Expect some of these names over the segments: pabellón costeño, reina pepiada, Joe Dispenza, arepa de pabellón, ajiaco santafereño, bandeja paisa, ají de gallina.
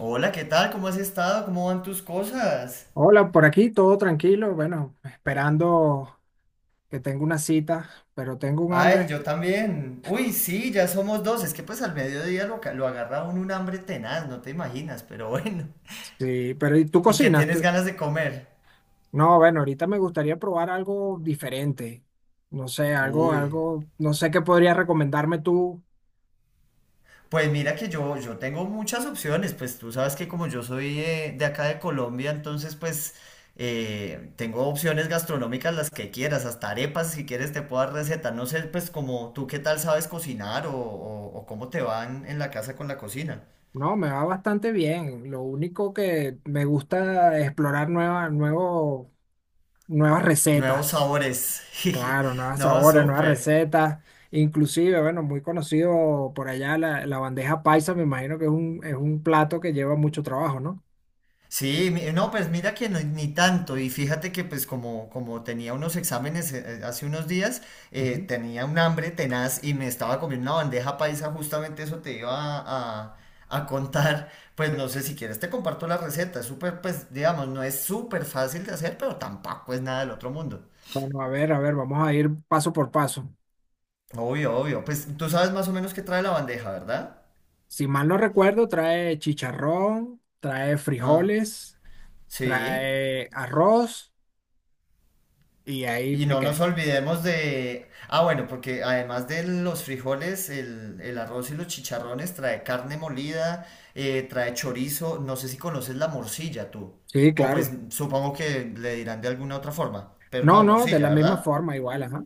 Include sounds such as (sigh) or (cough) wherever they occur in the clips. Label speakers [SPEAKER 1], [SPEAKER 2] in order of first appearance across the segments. [SPEAKER 1] Hola, ¿qué tal? ¿Cómo has estado? ¿Cómo van tus cosas?
[SPEAKER 2] Hola, por aquí todo tranquilo, bueno, esperando que tengo una cita, pero tengo un
[SPEAKER 1] Ay,
[SPEAKER 2] hambre.
[SPEAKER 1] yo también. Uy, sí, ya somos dos. Es que pues al mediodía lo agarra uno un hambre tenaz, no te imaginas, pero (laughs) bueno.
[SPEAKER 2] Sí, pero ¿y tú
[SPEAKER 1] ¿Y qué
[SPEAKER 2] cocinas?
[SPEAKER 1] tienes
[SPEAKER 2] ¿Tú-
[SPEAKER 1] ganas de comer?
[SPEAKER 2] No, bueno, ahorita me gustaría probar algo diferente. No sé, algo,
[SPEAKER 1] Uy,
[SPEAKER 2] algo, no sé qué podrías recomendarme tú.
[SPEAKER 1] pues mira que yo tengo muchas opciones. Pues tú sabes que como yo soy de acá de Colombia, entonces pues tengo opciones gastronómicas las que quieras, hasta arepas si quieres te puedo dar receta. No sé pues como tú qué tal sabes cocinar o cómo te van en la casa con la cocina.
[SPEAKER 2] No, me va bastante bien. Lo único que me gusta explorar nuevas
[SPEAKER 1] Nuevos
[SPEAKER 2] recetas.
[SPEAKER 1] sabores. (laughs)
[SPEAKER 2] Claro, nuevas
[SPEAKER 1] No,
[SPEAKER 2] sabores, nuevas
[SPEAKER 1] súper.
[SPEAKER 2] recetas, inclusive, bueno, muy conocido por allá la bandeja paisa, me imagino que es es un plato que lleva mucho trabajo, ¿no?
[SPEAKER 1] Sí, no, pues mira que ni tanto. Y fíjate que pues como tenía unos exámenes hace unos días,
[SPEAKER 2] Ujú.
[SPEAKER 1] tenía un hambre tenaz y me estaba comiendo una bandeja paisa, justamente eso te iba a, a- a contar. Pues no sé si quieres, te comparto la receta. Es súper, pues digamos, no es súper fácil de hacer, pero tampoco es nada del otro mundo.
[SPEAKER 2] Bueno, a ver, vamos a ir paso por paso.
[SPEAKER 1] Obvio, obvio. Pues tú sabes más o menos qué trae la bandeja, ¿verdad?
[SPEAKER 2] Si mal no recuerdo, trae chicharrón, trae
[SPEAKER 1] Ah,
[SPEAKER 2] frijoles,
[SPEAKER 1] sí.
[SPEAKER 2] trae arroz y ahí
[SPEAKER 1] Y
[SPEAKER 2] me
[SPEAKER 1] no nos
[SPEAKER 2] quedé.
[SPEAKER 1] olvidemos de. Ah, bueno, porque además de los frijoles, el arroz y los chicharrones trae carne molida, trae chorizo, no sé si conoces la morcilla tú.
[SPEAKER 2] Sí,
[SPEAKER 1] O pues
[SPEAKER 2] claro.
[SPEAKER 1] supongo que le dirán de alguna otra forma, pero
[SPEAKER 2] No,
[SPEAKER 1] no,
[SPEAKER 2] no, de
[SPEAKER 1] morcilla,
[SPEAKER 2] la misma
[SPEAKER 1] ¿verdad?
[SPEAKER 2] forma, igual, ajá.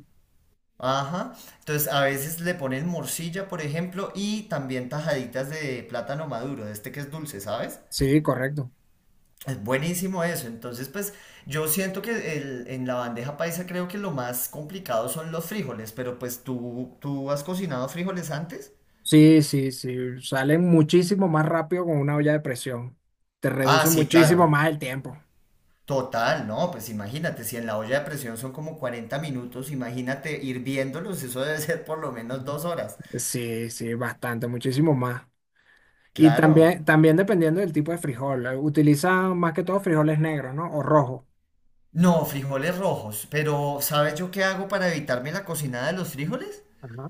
[SPEAKER 1] Ajá. Entonces a veces le ponen morcilla, por ejemplo, y también tajaditas de plátano maduro, de este que es dulce, ¿sabes?
[SPEAKER 2] Sí, correcto.
[SPEAKER 1] Es buenísimo eso. Entonces, pues yo siento que en la bandeja paisa creo que lo más complicado son los frijoles, pero pues ¿tú has cocinado frijoles antes?
[SPEAKER 2] Sí, sí, sí, salen muchísimo más rápido con una olla de presión. Te
[SPEAKER 1] Ah,
[SPEAKER 2] reduce
[SPEAKER 1] sí, claro.
[SPEAKER 2] muchísimo más el tiempo.
[SPEAKER 1] Total, no, pues imagínate, si en la olla de presión son como 40 minutos, imagínate hirviéndolos, eso debe ser por lo menos 2 horas.
[SPEAKER 2] Sí, sí, bastante, muchísimo más. Y también,
[SPEAKER 1] Claro.
[SPEAKER 2] también dependiendo del tipo de frijol. Utiliza más que todo frijoles negros, ¿no? O rojos.
[SPEAKER 1] No, frijoles rojos, pero ¿sabes yo qué hago para evitarme la cocinada de los frijoles?
[SPEAKER 2] Ajá.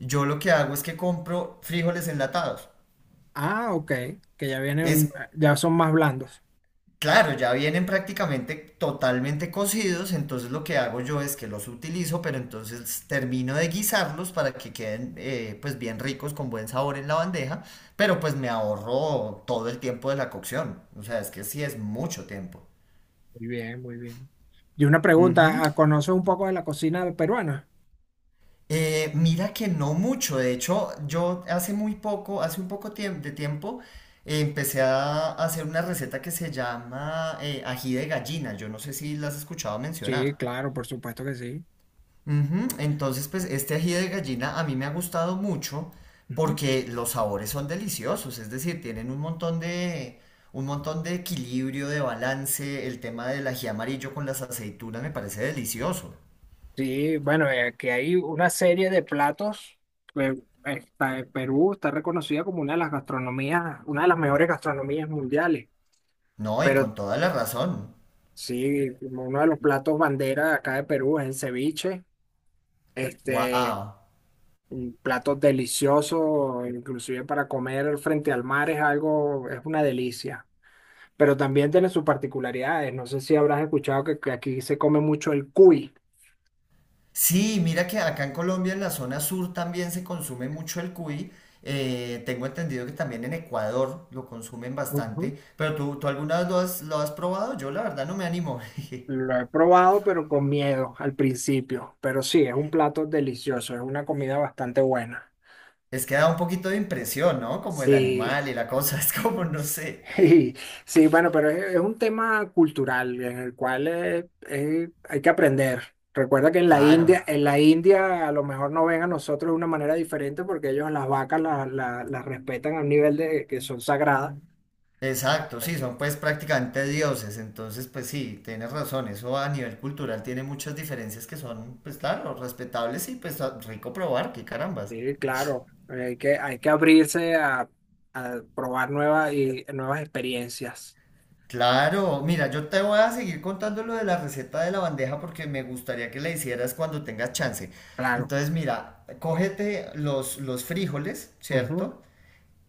[SPEAKER 1] Yo lo que hago es que compro frijoles enlatados.
[SPEAKER 2] Ah, ok, que ya
[SPEAKER 1] Es
[SPEAKER 2] vienen, ya son más blandos.
[SPEAKER 1] Claro, ya vienen prácticamente totalmente cocidos, entonces lo que hago yo es que los utilizo, pero entonces termino de guisarlos para que queden pues bien ricos con buen sabor en la bandeja, pero pues me ahorro todo el tiempo de la cocción, o sea, es que sí es mucho tiempo.
[SPEAKER 2] Muy bien, muy bien. Y una
[SPEAKER 1] Ujú.
[SPEAKER 2] pregunta, ¿ah, ¿conoces un poco de la cocina peruana?
[SPEAKER 1] Mira que no mucho, de hecho yo hace muy poco, hace un poco de tiempo, empecé a hacer una receta que se llama ají de gallina, yo no sé si la has escuchado
[SPEAKER 2] Sí,
[SPEAKER 1] mencionar.
[SPEAKER 2] claro, por supuesto que sí.
[SPEAKER 1] Ujú. Entonces, pues este ají de gallina a mí me ha gustado mucho porque los sabores son deliciosos, es decir, tienen un montón de equilibrio, de balance. El tema del ají amarillo con las aceitunas me parece delicioso.
[SPEAKER 2] Sí, bueno, que hay una serie de platos. eh, Está, en Perú está reconocida como una de las gastronomías, una de las mejores gastronomías mundiales.
[SPEAKER 1] No, y
[SPEAKER 2] Pero
[SPEAKER 1] con toda la razón.
[SPEAKER 2] sí, como uno de los platos bandera de acá de Perú es el ceviche. Este,
[SPEAKER 1] ¡Wow!
[SPEAKER 2] un plato delicioso, inclusive para comer frente al mar es algo, es una delicia. Pero también tiene sus particularidades. No sé si habrás escuchado que aquí se come mucho el cuy.
[SPEAKER 1] Sí, mira que acá en Colombia, en la zona sur, también se consume mucho el cuy. Tengo entendido que también en Ecuador lo consumen
[SPEAKER 2] Ujú.
[SPEAKER 1] bastante. Pero ¿tú alguna lo has probado? Yo la verdad no me animo. (laughs)
[SPEAKER 2] Lo he probado, pero con miedo al principio. Pero sí, es un plato delicioso, es una comida bastante buena.
[SPEAKER 1] Es que da un poquito de impresión, ¿no? Como el
[SPEAKER 2] Sí,
[SPEAKER 1] animal y la cosa, (laughs) es como, no sé.
[SPEAKER 2] (laughs) sí, sí, bueno, pero es un tema cultural en el cual hay que aprender. Recuerda que
[SPEAKER 1] Claro,
[SPEAKER 2] En la India a lo mejor no ven a nosotros de una manera diferente porque ellos las vacas la- la- las respetan a un nivel de que son sagradas.
[SPEAKER 1] exacto, sí, son pues prácticamente dioses, entonces pues sí, tienes razón, eso a nivel cultural tiene muchas diferencias que son, pues claro, respetables y pues rico probar, qué carambas.
[SPEAKER 2] Sí, claro, hay que abrirse a probar nuevas y nuevas experiencias.
[SPEAKER 1] Claro, mira, yo te voy a seguir contando lo de la receta de la bandeja porque me gustaría que la hicieras cuando tengas chance.
[SPEAKER 2] Claro.
[SPEAKER 1] Entonces, mira, cógete los frijoles,
[SPEAKER 2] Ujú.
[SPEAKER 1] ¿cierto?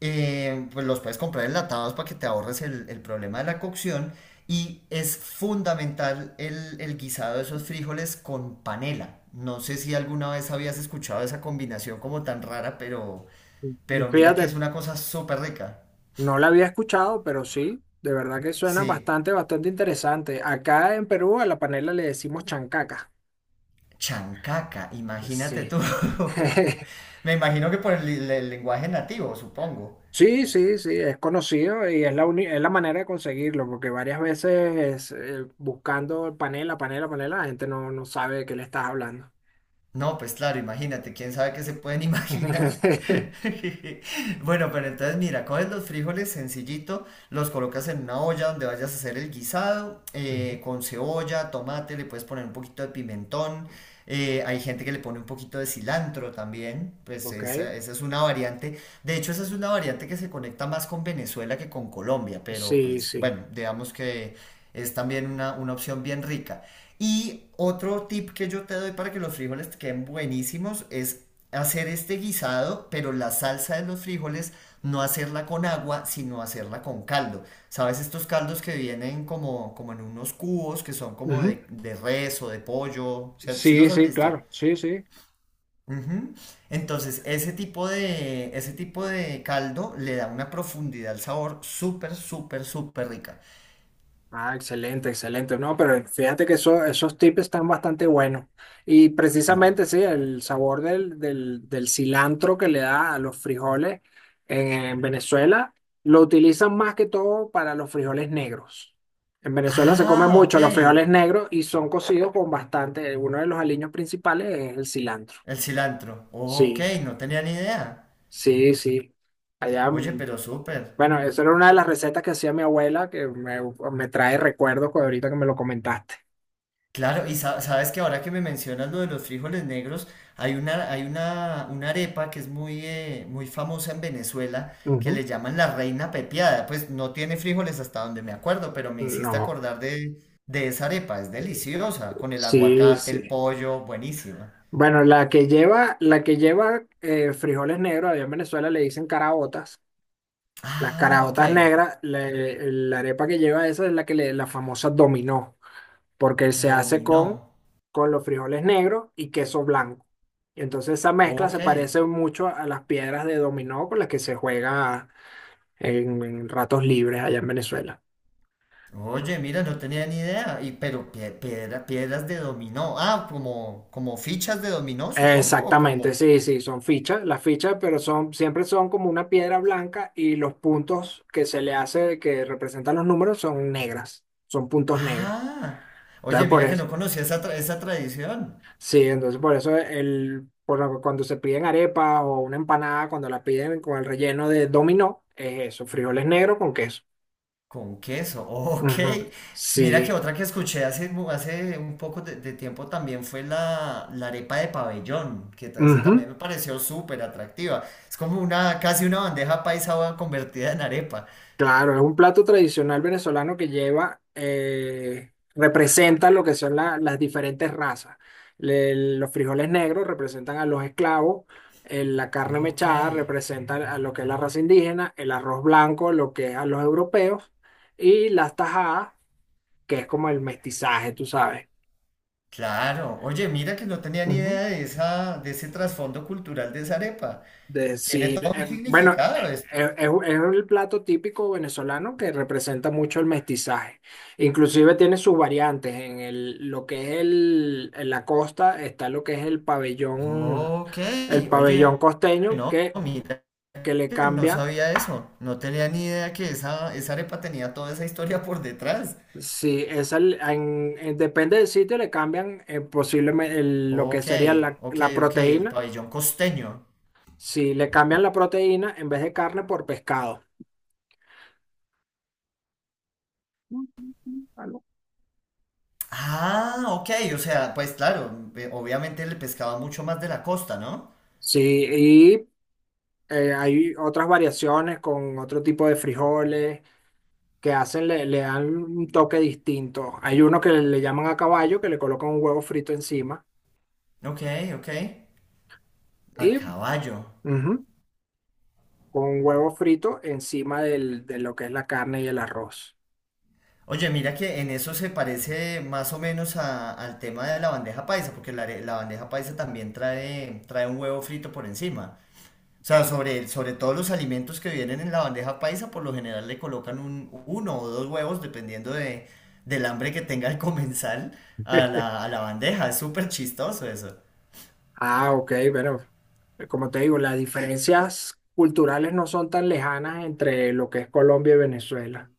[SPEAKER 1] Pues los puedes comprar enlatados para que te ahorres el problema de la cocción. Y es fundamental el guisado de esos frijoles con panela. No sé si alguna vez habías escuchado esa combinación como tan rara, pero mira que es
[SPEAKER 2] Fíjate,
[SPEAKER 1] una cosa súper rica.
[SPEAKER 2] no la había escuchado, pero sí, de verdad que suena
[SPEAKER 1] Sí,
[SPEAKER 2] bastante, bastante interesante. Acá en Perú a la panela le decimos chancaca.
[SPEAKER 1] chancaca, imagínate
[SPEAKER 2] Sí.
[SPEAKER 1] tú. (laughs)
[SPEAKER 2] (laughs)
[SPEAKER 1] Me imagino que por el lenguaje nativo, supongo.
[SPEAKER 2] Sí, sí, sí, es conocido y es la, uni- es la manera de conseguirlo, porque varias veces buscando panela, panela, panela, la gente no, no sabe de qué le estás hablando.
[SPEAKER 1] No, pues claro, imagínate, quién sabe qué se pueden imaginar.
[SPEAKER 2] (laughs)
[SPEAKER 1] (laughs) Bueno, pero entonces mira, coges los frijoles sencillito, los colocas en una olla donde vayas a hacer el guisado,
[SPEAKER 2] Ujú.
[SPEAKER 1] con cebolla, tomate, le puedes poner un poquito de pimentón, hay gente que le pone un poquito de cilantro también, pues
[SPEAKER 2] Ok,
[SPEAKER 1] esa es una variante, de hecho esa es una variante que se conecta más con Venezuela que con Colombia, pero
[SPEAKER 2] sí,
[SPEAKER 1] pues
[SPEAKER 2] sí.
[SPEAKER 1] bueno, digamos que es también una opción bien rica. Y otro tip que yo te doy para que los frijoles te queden buenísimos es hacer este guisado, pero la salsa de los frijoles no hacerla con agua, sino hacerla con caldo. ¿Sabes estos caldos que vienen como en unos cubos que son como
[SPEAKER 2] Ujú.
[SPEAKER 1] de res o de pollo? O sea, ¿sí los
[SPEAKER 2] Sí,
[SPEAKER 1] has
[SPEAKER 2] sí,
[SPEAKER 1] visto?
[SPEAKER 2] claro, sí, sí.
[SPEAKER 1] Ujú. Entonces, ese tipo de caldo le da una profundidad al sabor súper, súper, súper rica.
[SPEAKER 2] Ah, excelente, excelente. No, pero fíjate que eso- esos tips están bastante buenos. Y
[SPEAKER 1] No.
[SPEAKER 2] precisamente, sí, el sabor del cilantro que le da a los frijoles en Venezuela, lo utilizan más que todo para los frijoles negros. En Venezuela se come
[SPEAKER 1] Ah, ok.
[SPEAKER 2] mucho los frijoles negros y son cocidos con bastante. Uno de los aliños principales es el cilantro.
[SPEAKER 1] El cilantro. Ok,
[SPEAKER 2] Sí,
[SPEAKER 1] no tenía ni idea.
[SPEAKER 2] sí, sí. Allá,
[SPEAKER 1] Oye, pero súper.
[SPEAKER 2] bueno, esa era una de las recetas que hacía mi abuela me trae recuerdos con ahorita que me lo comentaste.
[SPEAKER 1] Claro, y sabes que ahora que me mencionas lo de los frijoles negros, hay una arepa que es muy famosa en Venezuela que
[SPEAKER 2] Ujú.
[SPEAKER 1] le llaman la reina pepiada. Pues no tiene frijoles hasta donde me acuerdo, pero me hiciste
[SPEAKER 2] No,
[SPEAKER 1] acordar de esa arepa. Es deliciosa, con el
[SPEAKER 2] sí,
[SPEAKER 1] aguacate,
[SPEAKER 2] sí.
[SPEAKER 1] el pollo, buenísima.
[SPEAKER 2] Bueno, la que lleva frijoles negros, allá en Venezuela le dicen caraotas. Las
[SPEAKER 1] Ah, ok.
[SPEAKER 2] caraotas negras, le- la arepa que lleva esa es la que le, la famosa dominó, porque se hace
[SPEAKER 1] Dominó.
[SPEAKER 2] con los frijoles negros y queso blanco. Y entonces esa mezcla
[SPEAKER 1] Ok.
[SPEAKER 2] se parece mucho a las piedras de dominó con las que se juega en ratos libres allá en Venezuela.
[SPEAKER 1] Oye, mira, no tenía ni idea. Pero piedras de dominó. Ah, como fichas de dominó, supongo, o
[SPEAKER 2] Exactamente,
[SPEAKER 1] como.
[SPEAKER 2] sí, sí, son fichas, las fichas, pero son, siempre son como una piedra blanca y los puntos que se le hace, que representan los números, son negras, son puntos negros.
[SPEAKER 1] Ah, oye,
[SPEAKER 2] Entonces, por
[SPEAKER 1] mira que
[SPEAKER 2] eso,
[SPEAKER 1] no conocía esa tradición.
[SPEAKER 2] sí, entonces por eso el, por lo que cuando se piden arepa o una empanada, cuando la piden con el relleno de dominó, es eso, frijoles negros con queso.
[SPEAKER 1] Con queso, ok.
[SPEAKER 2] Ujú.
[SPEAKER 1] Mira
[SPEAKER 2] Sí.
[SPEAKER 1] que otra que escuché hace un poco de tiempo también fue la arepa de pabellón, que esa también
[SPEAKER 2] Ujú.
[SPEAKER 1] me pareció súper atractiva. Es como una, casi una bandeja paisa convertida en arepa.
[SPEAKER 2] Claro, es un plato tradicional venezolano que lleva, representa lo que son la- las diferentes razas. Le- los frijoles negros representan a los esclavos, la carne
[SPEAKER 1] Ok.
[SPEAKER 2] mechada representa a lo que es la raza indígena, el arroz blanco lo que es a los europeos y las tajadas, que es como el mestizaje, tú sabes.
[SPEAKER 1] Claro, oye, mira que no tenía ni idea de ese trasfondo cultural de esa arepa. Tiene
[SPEAKER 2] Decir,
[SPEAKER 1] todo un significado esto.
[SPEAKER 2] es el plato típico venezolano que representa mucho el mestizaje. Inclusive tiene sus variantes. En el, lo que es el, en la costa está lo que es
[SPEAKER 1] Ok,
[SPEAKER 2] el pabellón
[SPEAKER 1] oye,
[SPEAKER 2] costeño
[SPEAKER 1] no, mira
[SPEAKER 2] que le
[SPEAKER 1] que no
[SPEAKER 2] cambia.
[SPEAKER 1] sabía eso. No tenía ni idea que esa arepa tenía toda esa historia por detrás.
[SPEAKER 2] Si es el- en- depende del sitio, le cambian posiblemente lo que
[SPEAKER 1] Ok,
[SPEAKER 2] sería la,
[SPEAKER 1] ok,
[SPEAKER 2] la
[SPEAKER 1] ok, el
[SPEAKER 2] proteína.
[SPEAKER 1] pabellón costeño.
[SPEAKER 2] Si le cambian la proteína en vez de carne por pescado.
[SPEAKER 1] Ah, ok, o sea, pues claro, obviamente el pescado mucho más de la costa, ¿no?
[SPEAKER 2] Sí, hay otras variaciones con otro tipo de frijoles que hacen, le dan un toque distinto. Hay uno que le llaman a caballo, que le colocan un huevo frito encima
[SPEAKER 1] Ok, ok. A
[SPEAKER 2] y
[SPEAKER 1] caballo.
[SPEAKER 2] ujú, con un huevo frito encima del- de lo que es la carne y el arroz.
[SPEAKER 1] Oye, mira que en eso se parece más o menos al tema de la bandeja paisa, porque la bandeja paisa también trae un huevo frito por encima. O sea, sobre todos los alimentos que vienen en la bandeja paisa, por lo general le colocan uno o dos huevos, dependiendo del hambre que tenga el comensal, a la bandeja. Es súper chistoso eso.
[SPEAKER 2] Ah, ok, pero como te digo, las diferencias culturales no son tan lejanas entre lo que es Colombia y Venezuela.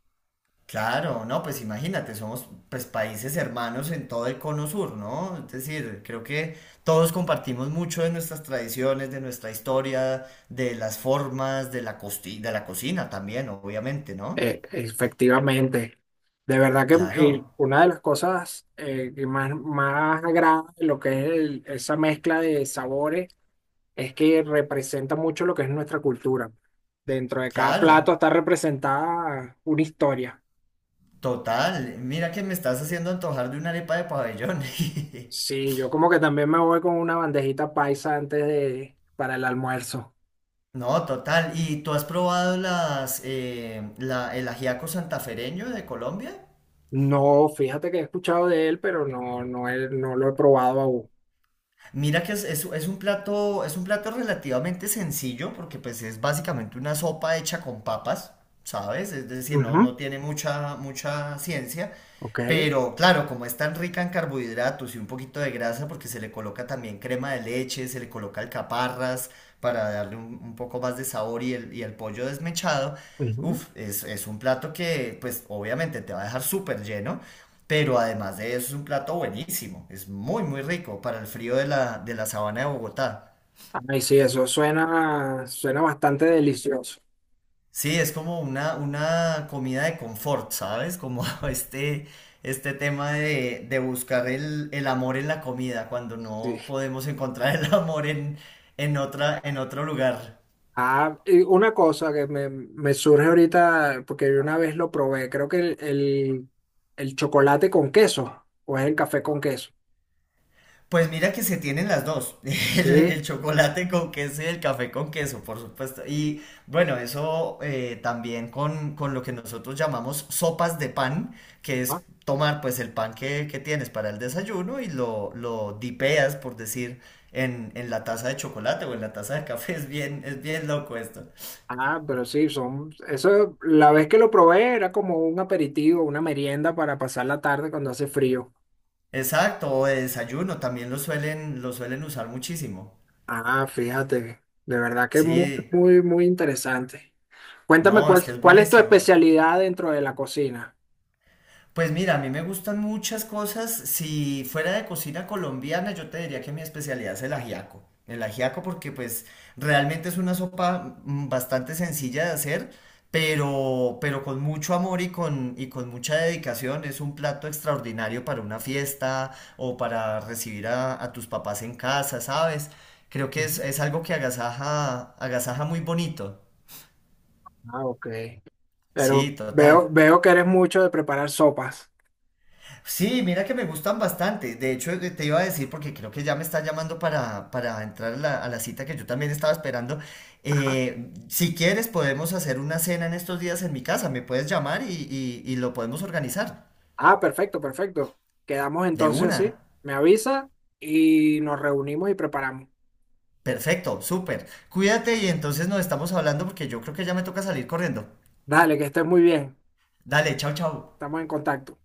[SPEAKER 1] Claro, no, pues imagínate, somos pues países hermanos en todo el cono sur, ¿no? Es decir, creo que todos compartimos mucho de nuestras tradiciones, de nuestra historia, de las formas, de la de la cocina también, obviamente, ¿no?
[SPEAKER 2] Efectivamente. De verdad que
[SPEAKER 1] Claro,
[SPEAKER 2] una de las cosas que más, más agrada de lo que es el- esa mezcla de sabores es que representa mucho lo que es nuestra cultura. Dentro de cada plato
[SPEAKER 1] claro,
[SPEAKER 2] está representada una historia.
[SPEAKER 1] total. Mira que me estás haciendo antojar de una arepa de pabellón. (laughs)
[SPEAKER 2] Sí, yo como que también me voy con una bandejita paisa antes de, para el almuerzo.
[SPEAKER 1] No, total. ¿Y tú has probado el ajiaco santafereño de Colombia?
[SPEAKER 2] No, fíjate que he escuchado de él, pero no, no, he- no lo he probado aún.
[SPEAKER 1] Mira que es, es un plato relativamente sencillo porque pues es básicamente una sopa hecha con papas, ¿sabes? Es decir, no,
[SPEAKER 2] Ujú,
[SPEAKER 1] no tiene mucha, mucha ciencia,
[SPEAKER 2] Ok.
[SPEAKER 1] pero claro, como es tan rica en carbohidratos y un poquito de grasa porque se le coloca también crema de leche, se le coloca alcaparras para darle un poco más de sabor y el pollo desmechado,
[SPEAKER 2] Ujú.
[SPEAKER 1] uf, es, un plato que pues obviamente te va a dejar súper lleno. Pero además de eso es un plato buenísimo, es muy muy rico para el frío de la sabana de Bogotá.
[SPEAKER 2] Ay, sí, eso suena, suena bastante delicioso.
[SPEAKER 1] Sí, es como una comida de confort, ¿sabes? Como (laughs) este, este tema de buscar el amor en la comida cuando
[SPEAKER 2] Sí.
[SPEAKER 1] no podemos encontrar el (laughs) amor en otro lugar.
[SPEAKER 2] Ah, y una cosa que me surge ahorita, porque yo una vez lo probé, creo que el chocolate con queso, o es el café con queso.
[SPEAKER 1] Pues mira que se tienen las dos, (laughs) el,
[SPEAKER 2] Sí.
[SPEAKER 1] el chocolate con queso y el café con queso, por supuesto. Y bueno, eso también con lo que nosotros llamamos sopas de pan, que
[SPEAKER 2] Ah,
[SPEAKER 1] es tomar pues el pan que tienes para el desayuno y lo dipeas, por decir, en la taza de chocolate o en la taza de café. (laughs) Es bien loco esto.
[SPEAKER 2] Ah, pero sí, son, eso, la vez que lo probé era como un aperitivo, una merienda para pasar la tarde cuando hace frío.
[SPEAKER 1] Exacto, o de desayuno también lo suelen usar muchísimo.
[SPEAKER 2] Ah, fíjate, de verdad que es muy,
[SPEAKER 1] Sí,
[SPEAKER 2] muy, muy interesante. Cuéntame
[SPEAKER 1] no, es
[SPEAKER 2] cuál,
[SPEAKER 1] que es
[SPEAKER 2] cuál es tu
[SPEAKER 1] buenísimo.
[SPEAKER 2] especialidad dentro de la cocina.
[SPEAKER 1] Pues mira, a mí me gustan muchas cosas. Si fuera de cocina colombiana, yo te diría que mi especialidad es el ajiaco. El ajiaco porque pues realmente es una sopa bastante sencilla de hacer, pero con mucho amor y y con mucha dedicación. Es un plato extraordinario para una fiesta o para recibir a tus papás en casa, ¿sabes? Creo que es algo que agasaja muy bonito.
[SPEAKER 2] Ah, ok.
[SPEAKER 1] Sí,
[SPEAKER 2] Pero
[SPEAKER 1] total.
[SPEAKER 2] veo, veo que eres mucho de preparar sopas.
[SPEAKER 1] Sí, mira que me gustan bastante. De hecho, te iba a decir, porque creo que ya me está llamando para entrar a la cita que yo también estaba esperando.
[SPEAKER 2] Ajá.
[SPEAKER 1] Si quieres, podemos hacer una cena en estos días en mi casa. Me puedes llamar y lo podemos organizar.
[SPEAKER 2] Ah, perfecto, perfecto. Quedamos
[SPEAKER 1] De
[SPEAKER 2] entonces así.
[SPEAKER 1] una.
[SPEAKER 2] Me avisa y nos reunimos y preparamos.
[SPEAKER 1] Perfecto, súper. Cuídate y entonces nos estamos hablando porque yo creo que ya me toca salir corriendo.
[SPEAKER 2] Dale, que estés muy bien.
[SPEAKER 1] Dale, chao, chao.
[SPEAKER 2] Estamos en contacto.